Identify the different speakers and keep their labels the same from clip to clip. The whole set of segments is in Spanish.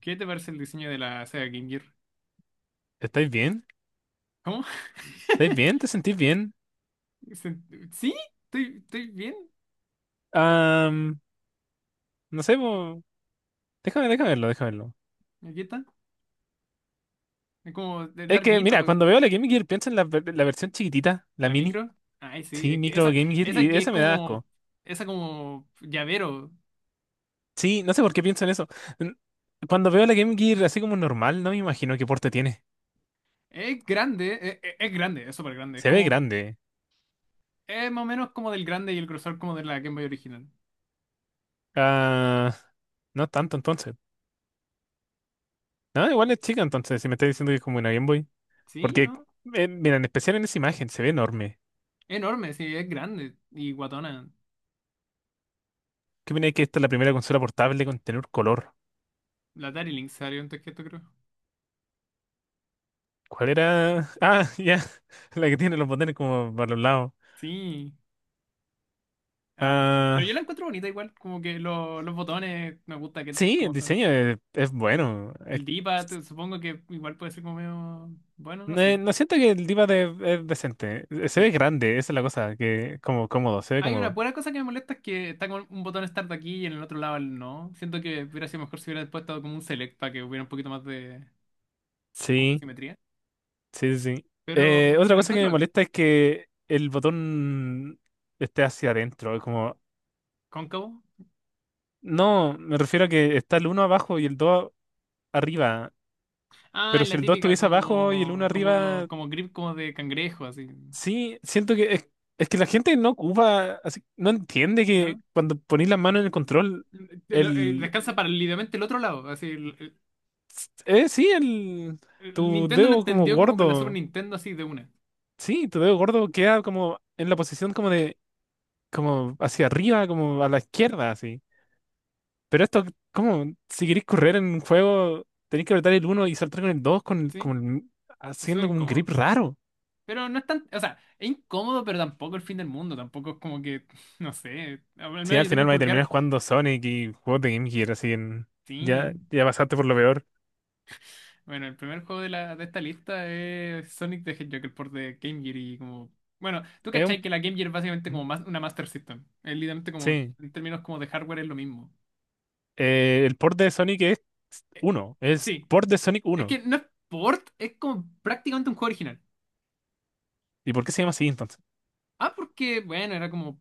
Speaker 1: ¿Qué te parece el diseño de la Sega Game Gear?
Speaker 2: ¿Estáis bien?
Speaker 1: ¿Cómo?
Speaker 2: ¿Estáis bien? ¿Te sentís bien?
Speaker 1: Se- Sí, estoy bien.
Speaker 2: Am, no sé, déjame, déjame verlo, déjame verlo.
Speaker 1: Aquí está. Es como es
Speaker 2: Es que, mira,
Speaker 1: larguito.
Speaker 2: cuando veo la Game Gear pienso en la, la versión chiquitita, la
Speaker 1: La
Speaker 2: mini.
Speaker 1: micro. Ay, sí.
Speaker 2: Sí,
Speaker 1: Es que
Speaker 2: micro
Speaker 1: esa,
Speaker 2: Game Gear,
Speaker 1: esa
Speaker 2: y
Speaker 1: que es
Speaker 2: esa me da
Speaker 1: como.
Speaker 2: asco.
Speaker 1: Esa como llavero.
Speaker 2: Sí, no sé por qué pienso en eso. N- Cuando veo la Game Gear así como normal, no me imagino qué porte tiene.
Speaker 1: Es grande. Es, es grande. Es súper grande. Es
Speaker 2: Se ve
Speaker 1: como.
Speaker 2: grande.
Speaker 1: Es más o menos como del grande y el grosor como de la Game Boy original.
Speaker 2: Ah, no tanto entonces. No, igual es chica entonces, si me estás diciendo que es como una Game Boy.
Speaker 1: Sí,
Speaker 2: Porque,
Speaker 1: ¿no?
Speaker 2: mira, en especial en esa imagen, se ve enorme.
Speaker 1: Enorme, sí. Es grande. Y guatona.
Speaker 2: ¿Qué viene que esta es la primera consola portable con tener color?
Speaker 1: La Atari Lynx salió antes que esto, creo.
Speaker 2: ¿Cuál era? Ah, ya. La que tiene los botones como para los lados.
Speaker 1: Sí. Ah, pero yo
Speaker 2: Ah,
Speaker 1: la encuentro bonita igual, como que los botones me gusta que
Speaker 2: sí, el
Speaker 1: como son.
Speaker 2: diseño es bueno.
Speaker 1: El D-pad, supongo que igual puede ser como medio. Bueno, no sé.
Speaker 2: No siento que el diva de, es decente. Se ve
Speaker 1: Sí.
Speaker 2: grande, esa es la cosa, que como cómodo, se ve
Speaker 1: Hay una
Speaker 2: cómodo.
Speaker 1: buena cosa que me molesta es que está con un botón start aquí y en el otro lado el no. Siento que hubiera sido mejor si hubiera puesto como un select para que hubiera un poquito más de como
Speaker 2: Sí,
Speaker 1: simetría.
Speaker 2: sí, sí, sí.
Speaker 1: Pero
Speaker 2: Otra
Speaker 1: lo
Speaker 2: cosa que
Speaker 1: encuentro
Speaker 2: me
Speaker 1: acá.
Speaker 2: molesta es que el botón esté hacia adentro. Es como,
Speaker 1: Cóncavo.
Speaker 2: no, me refiero a que está el uno abajo y el 2 arriba.
Speaker 1: Ah,
Speaker 2: Pero si
Speaker 1: la
Speaker 2: el 2
Speaker 1: típica
Speaker 2: estuviese abajo y el uno arriba,
Speaker 1: como grip como de cangrejo, así.
Speaker 2: sí, siento que es que la gente no ocupa, no entiende
Speaker 1: ¿No?
Speaker 2: que cuando ponís la mano en el control, el,
Speaker 1: Descansa para el ligamento del otro lado, así.
Speaker 2: sí,
Speaker 1: El
Speaker 2: tu
Speaker 1: Nintendo lo
Speaker 2: dedo como
Speaker 1: entendió como con la Super
Speaker 2: gordo,
Speaker 1: Nintendo así de una,
Speaker 2: sí, tu dedo gordo queda como en la posición como de, como hacia arriba, como a la izquierda, así. Pero esto, como, si queréis correr en un juego, tenéis que apretar el uno y saltar con el 2
Speaker 1: ¿sí? Es
Speaker 2: haciendo
Speaker 1: súper
Speaker 2: como un grip
Speaker 1: incómodo.
Speaker 2: raro.
Speaker 1: Pero no es tan, o sea, es incómodo, pero tampoco el fin del mundo, tampoco es como que, no sé, al
Speaker 2: Sí,
Speaker 1: menos
Speaker 2: al
Speaker 1: yo tengo un
Speaker 2: final va a terminar
Speaker 1: pulgar,
Speaker 2: jugando Sonic y juegos de Game Gear, así en, ya,
Speaker 1: sí.
Speaker 2: ya pasaste por lo peor.
Speaker 1: Bueno, el primer juego de, la, de esta lista es Sonic the Hedgehog, el port de Game Gear y como... Bueno, tú
Speaker 2: Es
Speaker 1: cachai que la Game Gear es básicamente como
Speaker 2: un
Speaker 1: más, una Master System. Es literalmente como,
Speaker 2: sí.
Speaker 1: en términos como de hardware es lo mismo.
Speaker 2: El port de Sonic es
Speaker 1: Eh,
Speaker 2: uno, es
Speaker 1: sí,
Speaker 2: port de Sonic
Speaker 1: es
Speaker 2: uno.
Speaker 1: que no es port, es como prácticamente un juego original.
Speaker 2: ¿Y por qué se llama así entonces?
Speaker 1: Ah, porque, bueno, era como.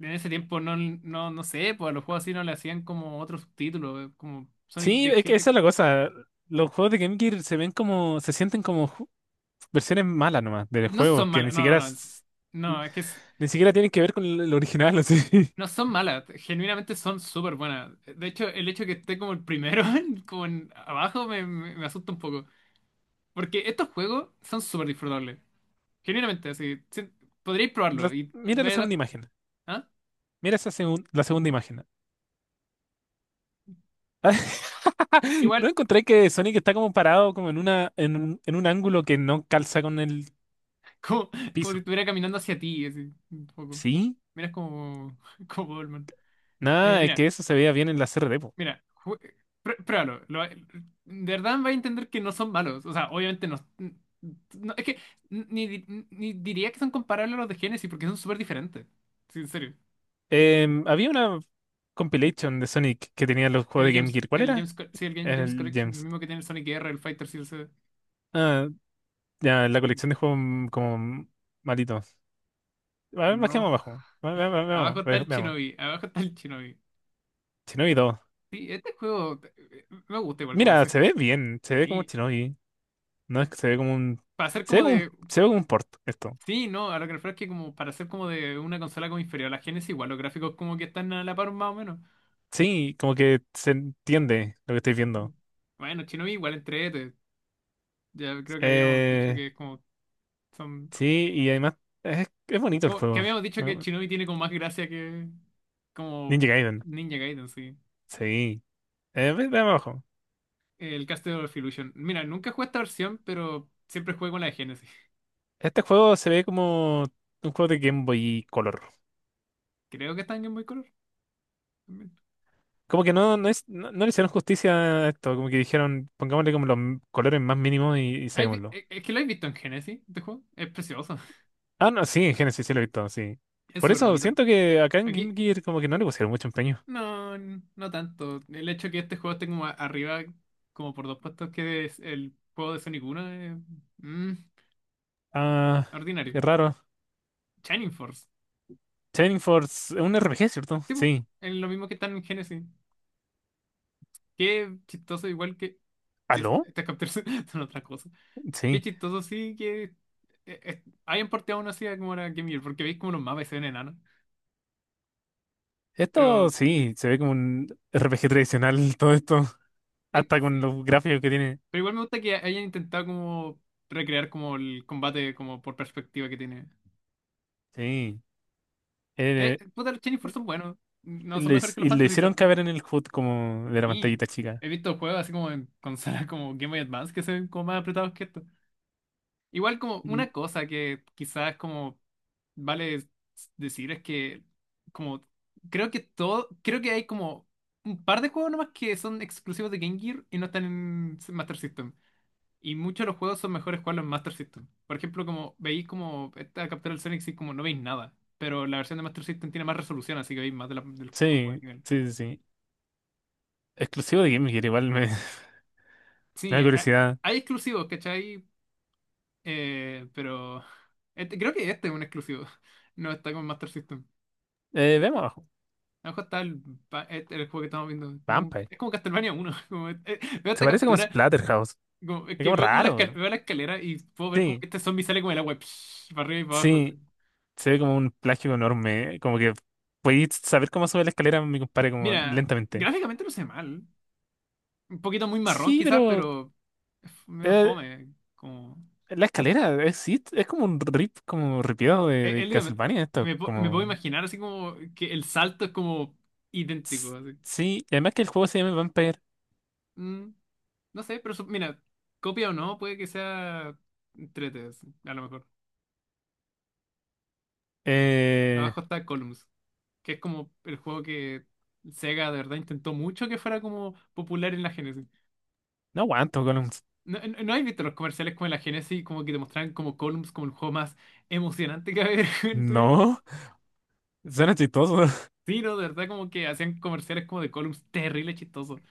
Speaker 1: En ese tiempo no sé, pues a los juegos así no le hacían como otro subtítulo, como Sonic
Speaker 2: Sí,
Speaker 1: the
Speaker 2: es que
Speaker 1: Hedgehog.
Speaker 2: esa es la cosa. Los juegos de Game Gear se ven como, se sienten como versiones malas nomás del
Speaker 1: No
Speaker 2: juego,
Speaker 1: son
Speaker 2: que ni
Speaker 1: malas,
Speaker 2: siquiera,
Speaker 1: no.
Speaker 2: ni
Speaker 1: No, es que
Speaker 2: ni siquiera tienen que ver con el original, así.
Speaker 1: no son malas, genuinamente son súper buenas. De hecho, el hecho de que esté como el primero, como en abajo, me asusta un poco. Porque estos juegos son súper disfrutables. Genuinamente, así. Sí, podríais probarlo y
Speaker 2: Mira la segunda imagen.
Speaker 1: ¿Ah?
Speaker 2: Mira esa la segunda imagen.
Speaker 1: Igual,
Speaker 2: No encontré que Sonic está como parado como en una, en, en un ángulo que no calza con el
Speaker 1: como, como si
Speaker 2: piso.
Speaker 1: estuviera caminando hacia ti, así, un poco.
Speaker 2: ¿Sí?
Speaker 1: Miras como, como Goldman.
Speaker 2: Nada, es
Speaker 1: Mira.
Speaker 2: que eso se veía bien en la CRD, po.
Speaker 1: Mira, ju- Pruébalo. Lo de verdad va a entender que no son malos. O sea, obviamente no. Es que ni diría que son comparables a los de Genesis porque son súper diferentes. Sí, en serio.
Speaker 2: Había una compilation de Sonic que tenía los juegos
Speaker 1: El
Speaker 2: de Game
Speaker 1: James.
Speaker 2: Gear. ¿Cuál
Speaker 1: El James,
Speaker 2: era?
Speaker 1: Sí, el James
Speaker 2: El
Speaker 1: Collection. El
Speaker 2: Gems.
Speaker 1: mismo que tiene el Sonic R, el Fighter CLC.
Speaker 2: Ah, ya, la colección de juegos como malitos. A ver, bajemos
Speaker 1: No.
Speaker 2: abajo.
Speaker 1: Abajo
Speaker 2: Veamos,
Speaker 1: está el
Speaker 2: veamos.
Speaker 1: Shinobi. Abajo está el Shinobi.
Speaker 2: Shinobi 2.
Speaker 1: Sí, este juego me gusta igual como
Speaker 2: Mira, se
Speaker 1: sé.
Speaker 2: ve bien, se ve como
Speaker 1: Sí.
Speaker 2: Shinobi. No es que se ve como un.
Speaker 1: Para ser
Speaker 2: Se ve
Speaker 1: como
Speaker 2: como un,
Speaker 1: de.
Speaker 2: se ve como un port esto.
Speaker 1: Sí, no, a lo que refiero es que como para ser como de una consola como inferior a la Genesis, igual los gráficos como que están a la par más o menos.
Speaker 2: Sí, como que se entiende lo que estoy viendo.
Speaker 1: Bueno, Shinobi igual entrete. Ya creo que habíamos dicho
Speaker 2: Eh,
Speaker 1: que es como son.
Speaker 2: sí, y además es bonito el
Speaker 1: Que
Speaker 2: juego,
Speaker 1: habíamos dicho que
Speaker 2: ¿no?
Speaker 1: Shinobi tiene como más gracia que como
Speaker 2: Ninja Gaiden.
Speaker 1: Ninja Gaiden, sí.
Speaker 2: Sí. Veamos abajo.
Speaker 1: El Castle of Illusion. Mira, nunca jugué esta versión, pero siempre jugué con la de Genesis.
Speaker 2: Este juego se ve como un juego de Game Boy Color.
Speaker 1: Creo que está en Game Boy Color también.
Speaker 2: Como que no, no, es, no, no le hicieron justicia a esto, como que dijeron, pongámosle como los colores más mínimos y saquémoslo.
Speaker 1: Es que lo he visto en Genesis, este juego? Es precioso.
Speaker 2: Ah, no, sí, en Genesis sí lo he visto, sí.
Speaker 1: Es
Speaker 2: Por
Speaker 1: súper
Speaker 2: eso
Speaker 1: bonito.
Speaker 2: siento que acá en Game
Speaker 1: Aquí,
Speaker 2: Gear como que no le pusieron mucho empeño.
Speaker 1: no, no tanto. El hecho que este juego esté como arriba, como por dos puestos que es el juego de Sonic Uno, es mm,
Speaker 2: Ah,
Speaker 1: ordinario.
Speaker 2: qué raro.
Speaker 1: Shining Force.
Speaker 2: Shining Force es un RPG, ¿cierto?
Speaker 1: Tipo,
Speaker 2: Sí.
Speaker 1: es lo mismo que están en Genesis. Qué chistoso, igual que
Speaker 2: ¿Aló?
Speaker 1: estas capturas son otra cosa. Qué
Speaker 2: Sí.
Speaker 1: chistoso, sí, que hayan porteado una así a como era Game Gear, porque veis como los mapas y se ven enanos. Pero,
Speaker 2: Esto sí, se ve como un RPG tradicional todo esto, hasta con
Speaker 1: sí.
Speaker 2: los gráficos que tiene.
Speaker 1: Pero igual me gusta que hayan intentado como recrear como el combate como por perspectiva que tiene.
Speaker 2: Sí. Eh,
Speaker 1: Puta, los Shining Force son buenos. No son mejores que los
Speaker 2: y le
Speaker 1: Fantasy Star.
Speaker 2: hicieron caber en el HUD como de la
Speaker 1: Sí.
Speaker 2: pantallita chica.
Speaker 1: He visto juegos así como en consolas como Game Boy Advance que se ven como más apretados que estos. Igual como
Speaker 2: Mm,
Speaker 1: una cosa que quizás como vale decir es que como creo que hay como un par de juegos nomás que son exclusivos de Game Gear y no están en Master System. Y muchos de los juegos son mejores jugarlos en Master System. Por ejemplo, como veis como esta captura del Sonic, sí, como no veis nada. Pero la versión de Master System tiene más resolución, así que veis más de del como del
Speaker 2: sí,
Speaker 1: nivel.
Speaker 2: sí, sí, sí. Exclusivo de Game Gear, igual me, me
Speaker 1: Sí,
Speaker 2: da
Speaker 1: hay,
Speaker 2: curiosidad.
Speaker 1: hay exclusivos, ¿cachai? Pero creo que este es un exclusivo. No está con Master System.
Speaker 2: Vemos
Speaker 1: A lo mejor está el, el juego que estamos viendo.
Speaker 2: Vampire.
Speaker 1: Es como Castlevania uno veo
Speaker 2: Se
Speaker 1: esta
Speaker 2: parece como a
Speaker 1: captura,
Speaker 2: Splatterhouse.
Speaker 1: es
Speaker 2: Es
Speaker 1: que
Speaker 2: como
Speaker 1: veo como la,
Speaker 2: raro.
Speaker 1: veo la escalera y puedo ver como
Speaker 2: Sí,
Speaker 1: que este zombie sale como el agua, psh, para arriba y para abajo. Así.
Speaker 2: sí. Se ve como un plagio enorme. Como que podéis saber cómo sube la escalera, mi compadre, como
Speaker 1: Mira,
Speaker 2: lentamente.
Speaker 1: gráficamente no sé mal. Un poquito muy marrón
Speaker 2: Sí,
Speaker 1: quizás,
Speaker 2: pero
Speaker 1: pero es medio
Speaker 2: eh,
Speaker 1: fome. Como,
Speaker 2: la escalera es es como un rip, como ripiado
Speaker 1: es
Speaker 2: de
Speaker 1: literalmente-
Speaker 2: Castlevania esto.
Speaker 1: me, pu- me puedo
Speaker 2: Como.
Speaker 1: imaginar así como que el salto es como idéntico.
Speaker 2: s-
Speaker 1: Así.
Speaker 2: Sí, y además que el juego se llama Vampire.
Speaker 1: Mm, no sé, pero mira, copia o no, puede que sea entrete, así, a lo mejor.
Speaker 2: Eh,
Speaker 1: Abajo está Columns. Que es como el juego que Sega de verdad intentó mucho que fuera como popular en la Genesis.
Speaker 2: no aguanto, Golems.
Speaker 1: No has visto los comerciales como en la Genesis, como que te mostraban como Columns como el juego más emocionante que había en tu vida?
Speaker 2: No, suena chistoso.
Speaker 1: Sí, no, de verdad como que hacían comerciales como de Columns terrible, chistoso.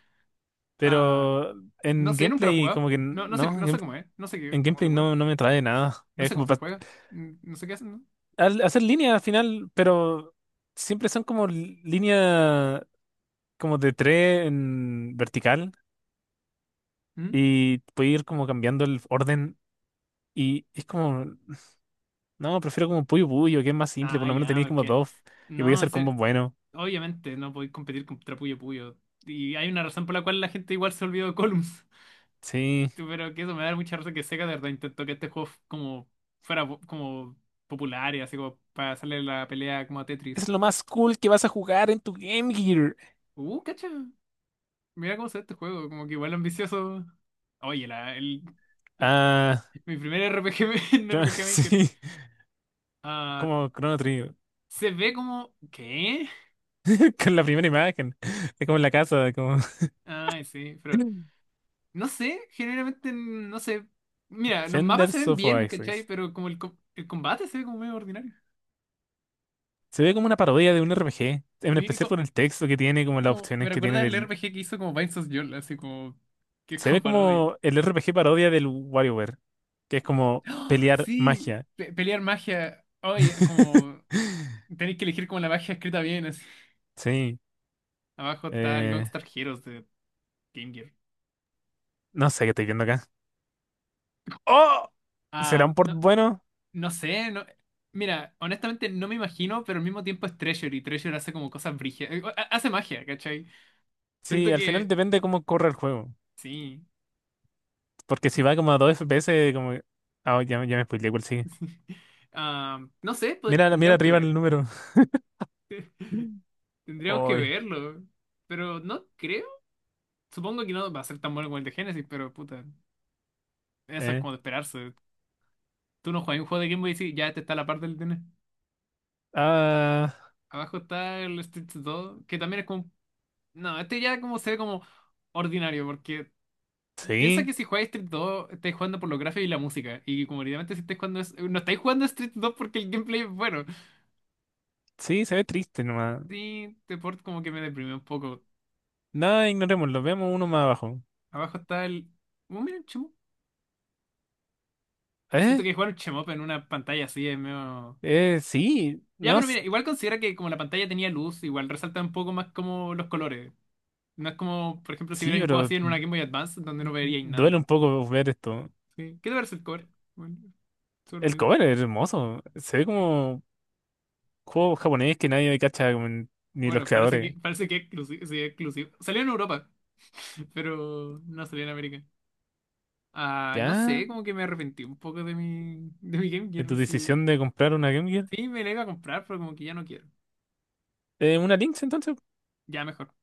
Speaker 1: Ah,
Speaker 2: Pero
Speaker 1: no
Speaker 2: en
Speaker 1: sé, nunca lo he
Speaker 2: gameplay como
Speaker 1: jugado.
Speaker 2: que
Speaker 1: No, no sé,
Speaker 2: no, en,
Speaker 1: no sé cómo es, no sé
Speaker 2: en
Speaker 1: cómo se
Speaker 2: gameplay
Speaker 1: juega.
Speaker 2: no, no me trae nada.
Speaker 1: No
Speaker 2: Es
Speaker 1: sé
Speaker 2: como
Speaker 1: cómo se juega. Mm, no sé qué hacen, ¿no?
Speaker 2: hacer línea al final, pero siempre son como línea como de tres en vertical
Speaker 1: ¿Mm?
Speaker 2: y puede ir como cambiando el orden y es como, no, prefiero como Puyo Puyo, que es más simple, por
Speaker 1: Ah,
Speaker 2: lo menos
Speaker 1: ya,
Speaker 2: tenéis como
Speaker 1: porque...
Speaker 2: buff y voy a
Speaker 1: No, en
Speaker 2: hacer
Speaker 1: serio,
Speaker 2: combos buenos.
Speaker 1: obviamente no podéis competir contra Puyo Puyo. Y hay una razón por la cual la gente igual se olvidó de Columns.
Speaker 2: Sí,
Speaker 1: Pero que eso me da mucha risa que Sega de verdad intentó que este juego como fuera como popular y así como para hacerle la pelea como a Tetris.
Speaker 2: es lo más cool que vas a jugar en tu Game Gear.
Speaker 1: Cacha. Mira cómo se ve este juego, como que igual ambicioso. Oye, el-
Speaker 2: Ah,
Speaker 1: mi primer RPG, en RPG Maker.
Speaker 2: sí,
Speaker 1: Ah,
Speaker 2: como Chrono Trigger.
Speaker 1: se ve como... ¿Qué?
Speaker 2: Con la primera imagen. Es como en la casa, como
Speaker 1: Ay, sí, pero... No sé, generalmente no sé. Mira, los mapas se
Speaker 2: Defenders
Speaker 1: ven
Speaker 2: of
Speaker 1: bien, ¿cachai?
Speaker 2: Oasis.
Speaker 1: Pero como el combate se ve como medio ordinario.
Speaker 2: Se ve como una parodia de un RPG, en
Speaker 1: Sí,
Speaker 2: especial por el texto que tiene, como las
Speaker 1: Me
Speaker 2: opciones que tiene
Speaker 1: recuerda el
Speaker 2: del...
Speaker 1: RPG que hizo como Binds of Yule, así como que es
Speaker 2: Se ve
Speaker 1: como parodia.
Speaker 2: como el RPG parodia del WarioWare, que es como
Speaker 1: ¡Ah!
Speaker 2: pelear
Speaker 1: Sí,
Speaker 2: magia.
Speaker 1: pelear magia. Oye, como tenéis que elegir como la magia escrita bien. Así.
Speaker 2: Sí.
Speaker 1: Abajo está el
Speaker 2: Eh,
Speaker 1: Gongstar Heroes de Game Gear.
Speaker 2: no sé qué estoy viendo acá. ¡Oh!
Speaker 1: Ah,
Speaker 2: ¿Será un port
Speaker 1: no,
Speaker 2: bueno?
Speaker 1: no sé, no. Mira, honestamente no me imagino, pero al mismo tiempo es Treasure y Treasure hace como cosas brígidas. Hace magia, ¿cachai? Siento
Speaker 2: Sí, al final
Speaker 1: que
Speaker 2: depende cómo corre el juego.
Speaker 1: sí.
Speaker 2: Porque si va como a 2 FPS, como... Ah, ya, ya me spoileé cuál sigue.
Speaker 1: Ah, no sé,
Speaker 2: Mira, mira
Speaker 1: tendríamos que
Speaker 2: arriba
Speaker 1: ver.
Speaker 2: el número.
Speaker 1: Tendríamos que
Speaker 2: Ay.
Speaker 1: verlo. Pero no creo. Supongo que no va a ser tan bueno como el de Genesis, pero puta, eso es
Speaker 2: Eh,
Speaker 1: como de esperarse. Tú no juegas un juego de Game Boy y sí, ya este está a la parte del DN.
Speaker 2: ah,
Speaker 1: Abajo está el Street 2, que también es como. No, este ya como se ve como ordinario, porque piensa
Speaker 2: sí,
Speaker 1: que si jugáis Street 2, estáis jugando por los gráficos y la música. Y como evidentemente si estáis jugando. No estáis jugando Street 2 porque el gameplay es bueno.
Speaker 2: sí, se ve triste nomás.
Speaker 1: Sí, este port como que me deprimió un poco.
Speaker 2: Nada, ignorémoslo, veamos uno más abajo.
Speaker 1: Abajo está el. Oh, mira, el Chemo. Siento
Speaker 2: ¿Eh?
Speaker 1: que jugar un Chemop en una pantalla así es medio.
Speaker 2: Sí,
Speaker 1: Ya,
Speaker 2: no,
Speaker 1: pero mira, igual considera que como la pantalla tenía luz, igual resalta un poco más como los colores. No es como, por ejemplo, si
Speaker 2: sí,
Speaker 1: hubiera un juego
Speaker 2: pero
Speaker 1: así en una Game Boy Advance, donde no veríais
Speaker 2: duele
Speaker 1: nada.
Speaker 2: un poco ver esto.
Speaker 1: Sí. ¿Qué te parece el cover? Bueno, súper
Speaker 2: El
Speaker 1: bonito.
Speaker 2: cover es hermoso, se ve
Speaker 1: ¿Eh?
Speaker 2: como juego japonés que nadie cacha, como ni los
Speaker 1: Bueno,
Speaker 2: creadores.
Speaker 1: parece que es sí, es exclusivo. Salió en Europa, pero no salió en América. Ah, no
Speaker 2: ¿Ya?
Speaker 1: sé, como que me arrepentí un poco de mi Game
Speaker 2: ¿De tu
Speaker 1: Gear. Sí,
Speaker 2: decisión de comprar una Game Gear?
Speaker 1: sí me la iba a comprar, pero como que ya no quiero.
Speaker 2: ¿Una Lynx entonces?
Speaker 1: Ya mejor.